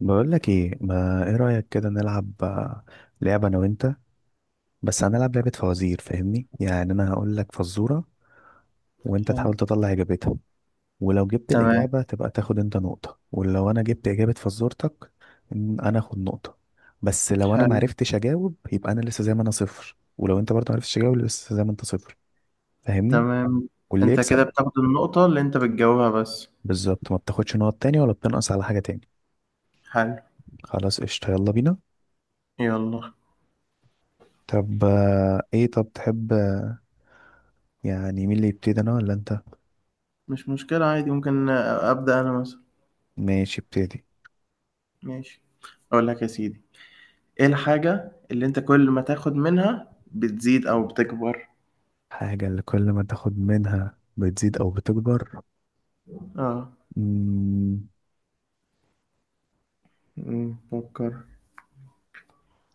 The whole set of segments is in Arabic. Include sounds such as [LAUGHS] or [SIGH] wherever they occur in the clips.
بقول لك ايه، ما ايه رأيك كده نلعب لعبة انا وانت؟ بس هنلعب لعبة فوازير، فاهمني؟ يعني انا هقول لك فزورة وانت حلو. تحاول تطلع اجابتها. ولو جبت تمام. الاجابة تبقى تاخد انت نقطة، ولو انا جبت اجابة فزورتك انا اخد نقطة. بس لو انا حلو. معرفتش اجاوب يبقى انا لسه زي ما انا صفر، ولو انت برضه معرفتش تجاوب لسه زي ما انت صفر. فاهمني؟ تمام. واللي انت كده يكسب. بتاخد النقطة اللي انت بتجاوبها بس؟ بالظبط، ما بتاخدش نقط تاني ولا بتنقص على حاجة تاني. حلو. خلاص، قشطة، يلا بينا. يلا. طب ايه، طب تحب يعني مين اللي يبتدي، انا ولا انت؟ مش مشكلة عادي، ممكن أبدأ أنا مثلا. ماشي، ابتدي. ماشي. أقول لك يا سيدي، إيه الحاجة اللي انت كل ما تاخد منها بتزيد أو بتكبر؟ حاجة اللي كل ما تاخد منها بتزيد او بتكبر؟ اه. مم، فكر.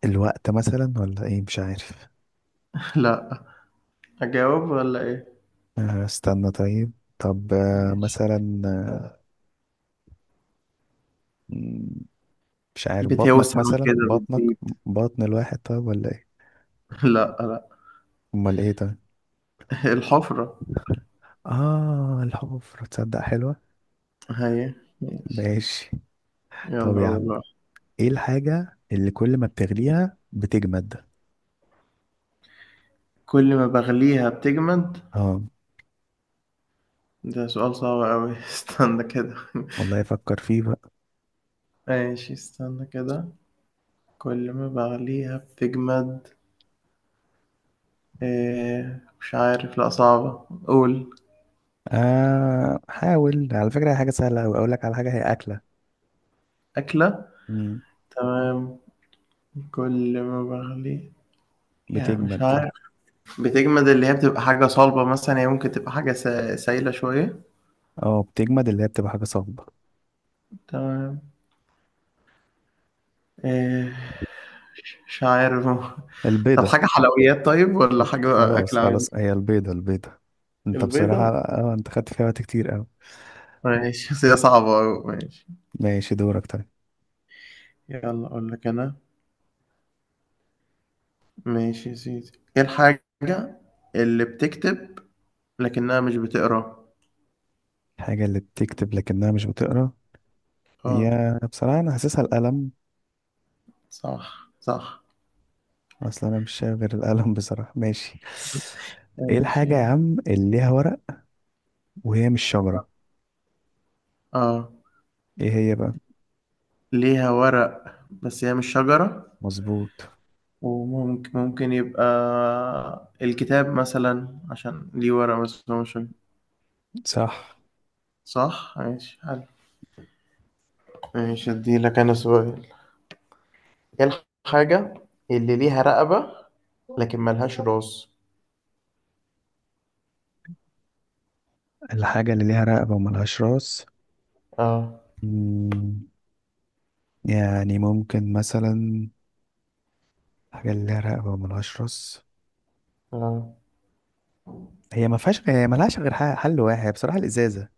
الوقت مثلا ولا ايه، مش عارف. [LAUGHS] لا. أجاوب ولا إيه؟ آه، استنى طيب. طب ماشي. مثلا مم، مش عارف، بطنك بتوسع مثلا، كده، بطنك. بتزيد. بطن الواحد طيب ولا ايه؟ [LAUGHS] لا لا. امال ايه طيب؟ الحفرة. اه الحفرة، تصدق حلوة. هي. ماشي. ماشي. طب يلا يا عم، والله. ايه الحاجة اللي كل ما بتغليها بتجمد؟ كل ما بغليها بتجمد. اه، ده سؤال صعب أوي. [LAUGHS] استنى كده. والله افكر فيه بقى. ماشي استنى كده. كل ما بغليها بتجمد. إيه؟ مش عارف، لأ صعبة، قول. آه، حاول، على فكرة هي حاجة سهلة أوي، أقول لك على حاجة، هي أكلة. أكلة. مم. تمام. كل ما بغليها. يعني مش بتجمد. عارف. بتجمد اللي هي بتبقى حاجة صلبة مثلا، هي ممكن تبقى حاجة سايلة شوية. اه، بتجمد اللي هي بتبقى حاجة صلبة. تمام. إيه؟ مش عارف. [LAUGHS] طب البيضة. حاجة حلويات طيب، ولا حاجة خلاص، أكل عادي؟ خلاص، هي البيضة، البيضة. انت بصراحة، البيضة؟ انت خدت فيها وقت كتير أوي. ماشي، بس هي صعبة أوي، ماشي. ماشي، دورك طيب. يلا أقول لك أنا. ماشي يا سيدي، ايه الحاجة اللي بتكتب لكنها مش بتقرا؟ الحاجة اللي بتكتب لكنها مش بتقرا؟ اه. هي بصراحة أنا حاسسها القلم. صح صح، أصل أنا مش شايف غير القلم بصراحة، ماشي. ايه الحاجة ماشي. يا عم اللي ليها ورق وهي مش شجرة؟ اه ايه هي بقى؟ ليها ورق بس هي مش شجرة. مظبوط. وممكن ممكن يبقى الكتاب مثلا عشان ليه ورق بس هو مش شجرة. صح. صح ماشي حلو. ماشي اديلك انا سؤال. ايه الحاجة اللي ليها رقبة لكن ملهاش راس؟ الحاجة اللي ليها رقبة وملهاش راس؟ اه. مم، يعني ممكن مثلا، حاجة اللي لها رقبة وملهاش راس، اه، هي ما فيهاش، هي ملهاش غير حل واحد بصراحة، الإزازة.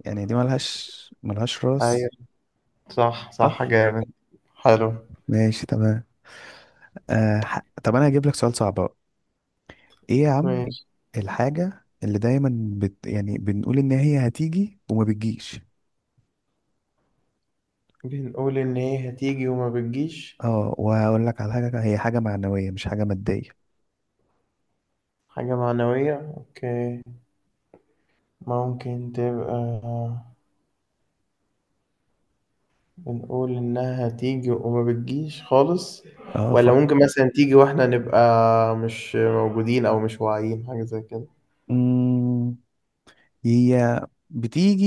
يعني دي ملهاش ايوه راس. صح صح صح. جامد. حلو ماشي، تمام. طب أنا هجيب لك سؤال صعب بقى. إيه يا عم؟ ماشي. الحاجة اللي دايما يعني بنقول إن هي هتيجي وما بتجيش؟ بنقول إن هي هتيجي وما بتجيش. اه، وهقول لك على حاجة، هي حاجة معنوية مش حاجة مادية. حاجة معنوية، أوكي. ممكن تبقى بنقول إنها هتيجي وما بتجيش خالص. اه، ولا فكر. ممكن مثلا تيجي وإحنا نبقى مش موجودين أو مش واعيين، حاجة زي كده. مم، هي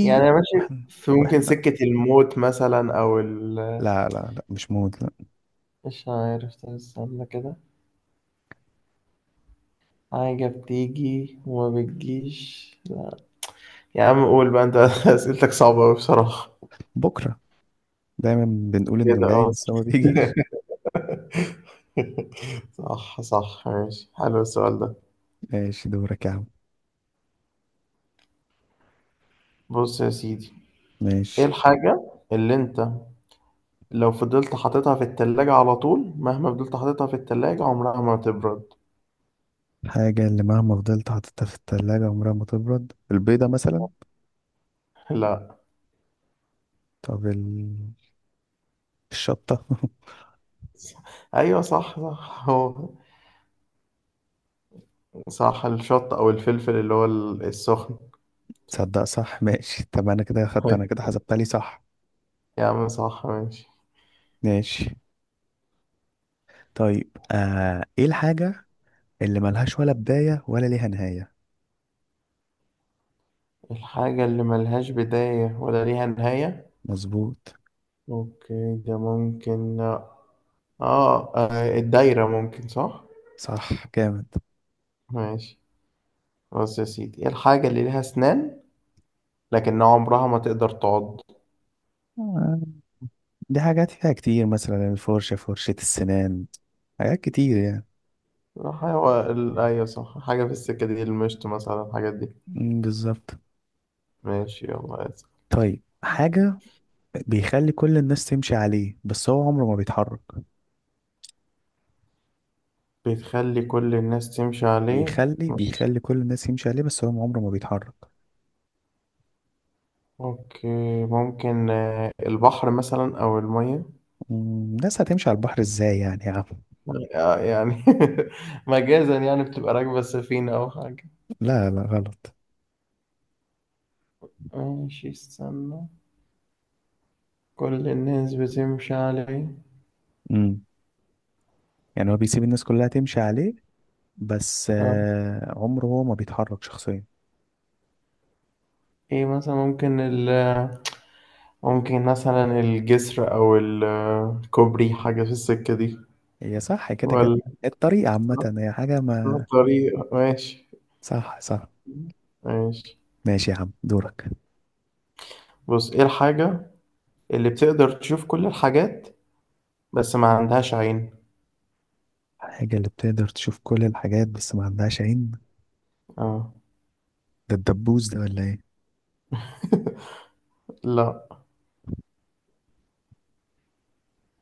يعني أنا ماشي واحنا في، ممكن واحنا سكة الموت مثلا، أو لا، لا، لا، مش موت، لا. مش عارف، طب استنى كده. حاجة بتيجي وما بتجيش، لا. يا عم قول بقى أنت. [LAUGHS] أسئلتك صعبة أوي بصراحة. بكرة. دايما بنقول انه كده جاي اه. بس هو ما بيجيش. [LAUGHS] [LAUGHS] صح صح ماشي حلو السؤال ده. [LAUGHS] ماشي، دورك يا عم. بص يا سيدي، ايه ماشي. الحاجة اللي انت لو فضلت حاططها في التلاجة على طول، مهما فضلت حاططها في التلاجة عمرها ما تبرد؟ الحاجة اللي مهما فضلت حاططها في التلاجة عمرها ما تبرد، البيضة مثلا؟ [LAUGHS] لا. طب الشطة. [LAUGHS] ايوه صح صح هو. صح الشط او الفلفل اللي هو السخن. صح. تصدق صح، ماشي، طب انا كده خدت، أيوة. انا كده حسبتها لي صح. يا عم صح ماشي. ماشي. طيب ايه الحاجة اللي ملهاش ولا بداية ولا ليها نهاية؟ الحاجة اللي ملهاش بداية ولا ليها نهاية. مظبوط. اوكي ده ممكن. اه، الدايرة ممكن، صح. صح، جامد. ماشي. بص يا سيدي، إيه الحاجة اللي ليها أسنان لكن عمرها ما تقدر تعض؟ آه، دي حاجات فيها كتير، مثلا الفرشة، فرشة السنان. حاجات كتير يعني. أيوة صح، حاجة في السكة دي، المشط مثلا، الحاجات دي. مم، بالظبط. ماشي يلا اسأل. طيب، حاجة بيخلي كل الناس تمشي عليه بس هو عمره ما بيتحرك؟ بتخلي كل الناس تمشي عليه، بيخلي مش... بيخلي كل الناس يمشي عليه بس هو عمره ما بيتحرك. أوكي. ممكن البحر مثلا أو المية. الناس هتمشي على البحر ازاي يعني يا عم؟ يعني [LAUGHS] مجازا يعني بتبقى راكبة سفينة أو حاجة. لا، لا، غلط. ماشي استنى. كل الناس بتمشي عليه. مم. يعني هو بيسيب الناس كلها تمشي عليه، بس آه، عمره هو ما بيتحرك شخصيا. إيه مثلا، ممكن ممكن مثلا الجسر، أو الكوبري، حاجة في السكة دي، هي صح كده كده. ولا... الطريقة عامة، هي حاجة ما. طريق، ماشي. صح، صح. ماشي. ماشي يا عم، دورك. بص، ايه الحاجة اللي بتقدر تشوف كل الحاجات بس ما عندهاش عين؟ الحاجة اللي بتقدر تشوف كل الحاجات بس ما عندهاش عين؟ اه. ده الدبوس ده ولا ايه؟ [LAUGHS] لا.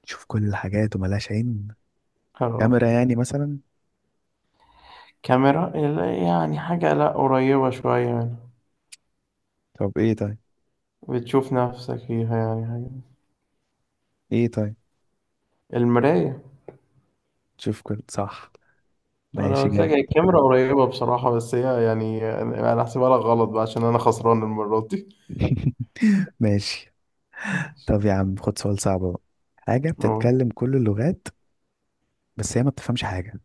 تشوف كل الحاجات وملهاش عين؟ اه. كاميرا يعني مثلا؟ كاميرا لا، يعني حاجة لا قريبة شوية يعني. طب ايه طيب؟ بتشوف نفسك فيها، يعني حاجة. ايه طيب؟ المراية. تشوف كل، صح. انا ماشي، قلت لك جامد. الكاميرا قريبة بصراحة، بس هي يعني أنا هحسبها لك غلط بقى عشان انا خسران المرة دي. [LAUGHS] ماشي. [LAUGHS] ماشي. طب يا عم، خد سؤال صعب بقى. حاجة أوه. بتتكلم كل اللغات بس هي ما بتفهمش حاجة؟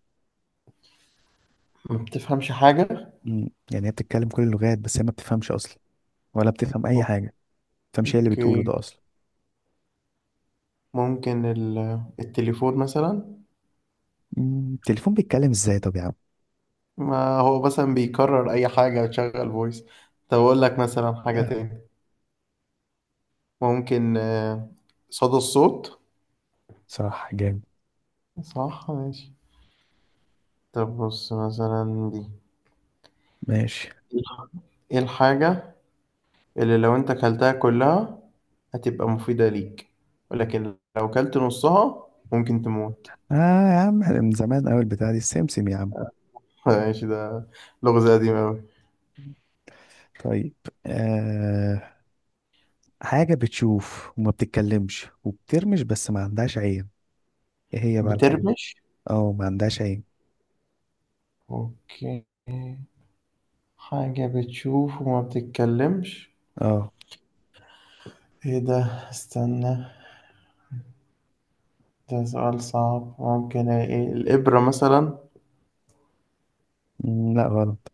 ما بتفهمش حاجة. يعني هي بتتكلم كل اللغات بس هي ما بتفهمش أصلا، ولا بتفهم أي حاجة، ما بتفهمش هي اللي بتقوله اوكي، ده أصلا. ممكن التليفون مثلا. التليفون بيتكلم ازاي طب يا عم؟ ما هو مثلا بيكرر اي حاجة وتشغل فويس. طب اقول لك مثلا حاجة لا. تاني. ممكن صدى الصوت. صح، جامد. صح ماشي. طب بص مثلا دي، ماشي. ايه الحاجة اللي لو انت كلتها كلها هتبقى مفيدة ليك، ولكن لو كلت نصها ممكن تموت؟ اه. يا عم إحنا من زمان أوي البتاعة دي، السمسم يا عم. [LAUGHS] ماشي ده لغز قديم اوي. طيب. آه حاجة بتشوف وما بتتكلمش وبترمش بس ما عندهاش عين. ايه هي بقى الحاجة دي؟ بترمش. اه، ما عندهاش عين. اوكي. حاجة بتشوف وما بتتكلمش. اه. ايه ده؟ استنى. ده سؤال صعب. ممكن ايه، الإبرة مثلا؟ لا، غلط.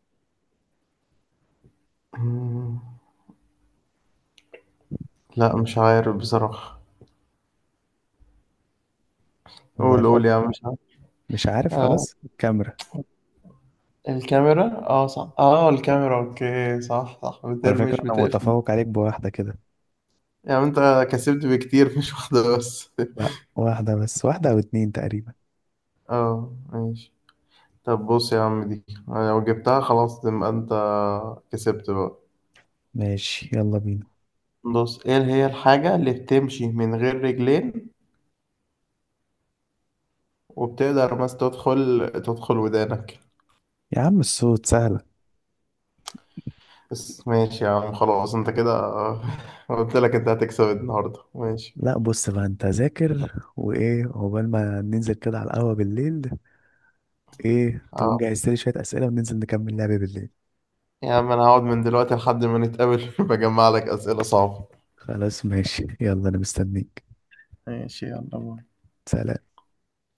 مم، لا مش عارف بصراحة. الله، قول قول يفكر. يا عم، مش عارف. مش عارف، آه خلاص الكاميرا. الكاميرا، اه صح، اه الكاميرا، اوكي، صح صح على فكرة بترمش انا بتقفل. متفوق عليك بواحدة كده. يعني انت كسبت بكتير، مش واحدة بس. لا، واحدة بس، واحدة او اتنين تقريبا. [LAUGHS] اه ماشي. طب بص يا عم، دي أنا لو جبتها خلاص تبقى انت كسبت بقى. ماشي، يلا بينا. بص، ايه هي الحاجة اللي بتمشي من غير رجلين وبتقدر بس تدخل ودانك؟ يا عم الصوت سهلة. بس ماشي يا عم خلاص انت كده. [LAUGHS] قلت لك انت هتكسب النهارده، ماشي. لا، بص بقى انت ذاكر وايه، عقبال ما ننزل كده على القهوة بالليل. ايه تكون اه جهزت لي شوية اسئلة، وننزل نكمل لعبة بالليل. يا عم انا هقعد من دلوقتي لحد ما نتقابل. [LAUGHS] بجمع لك اسئله صعبه. خلاص، ماشي، يلا انا مستنيك. ماشي يلا باي. سلام.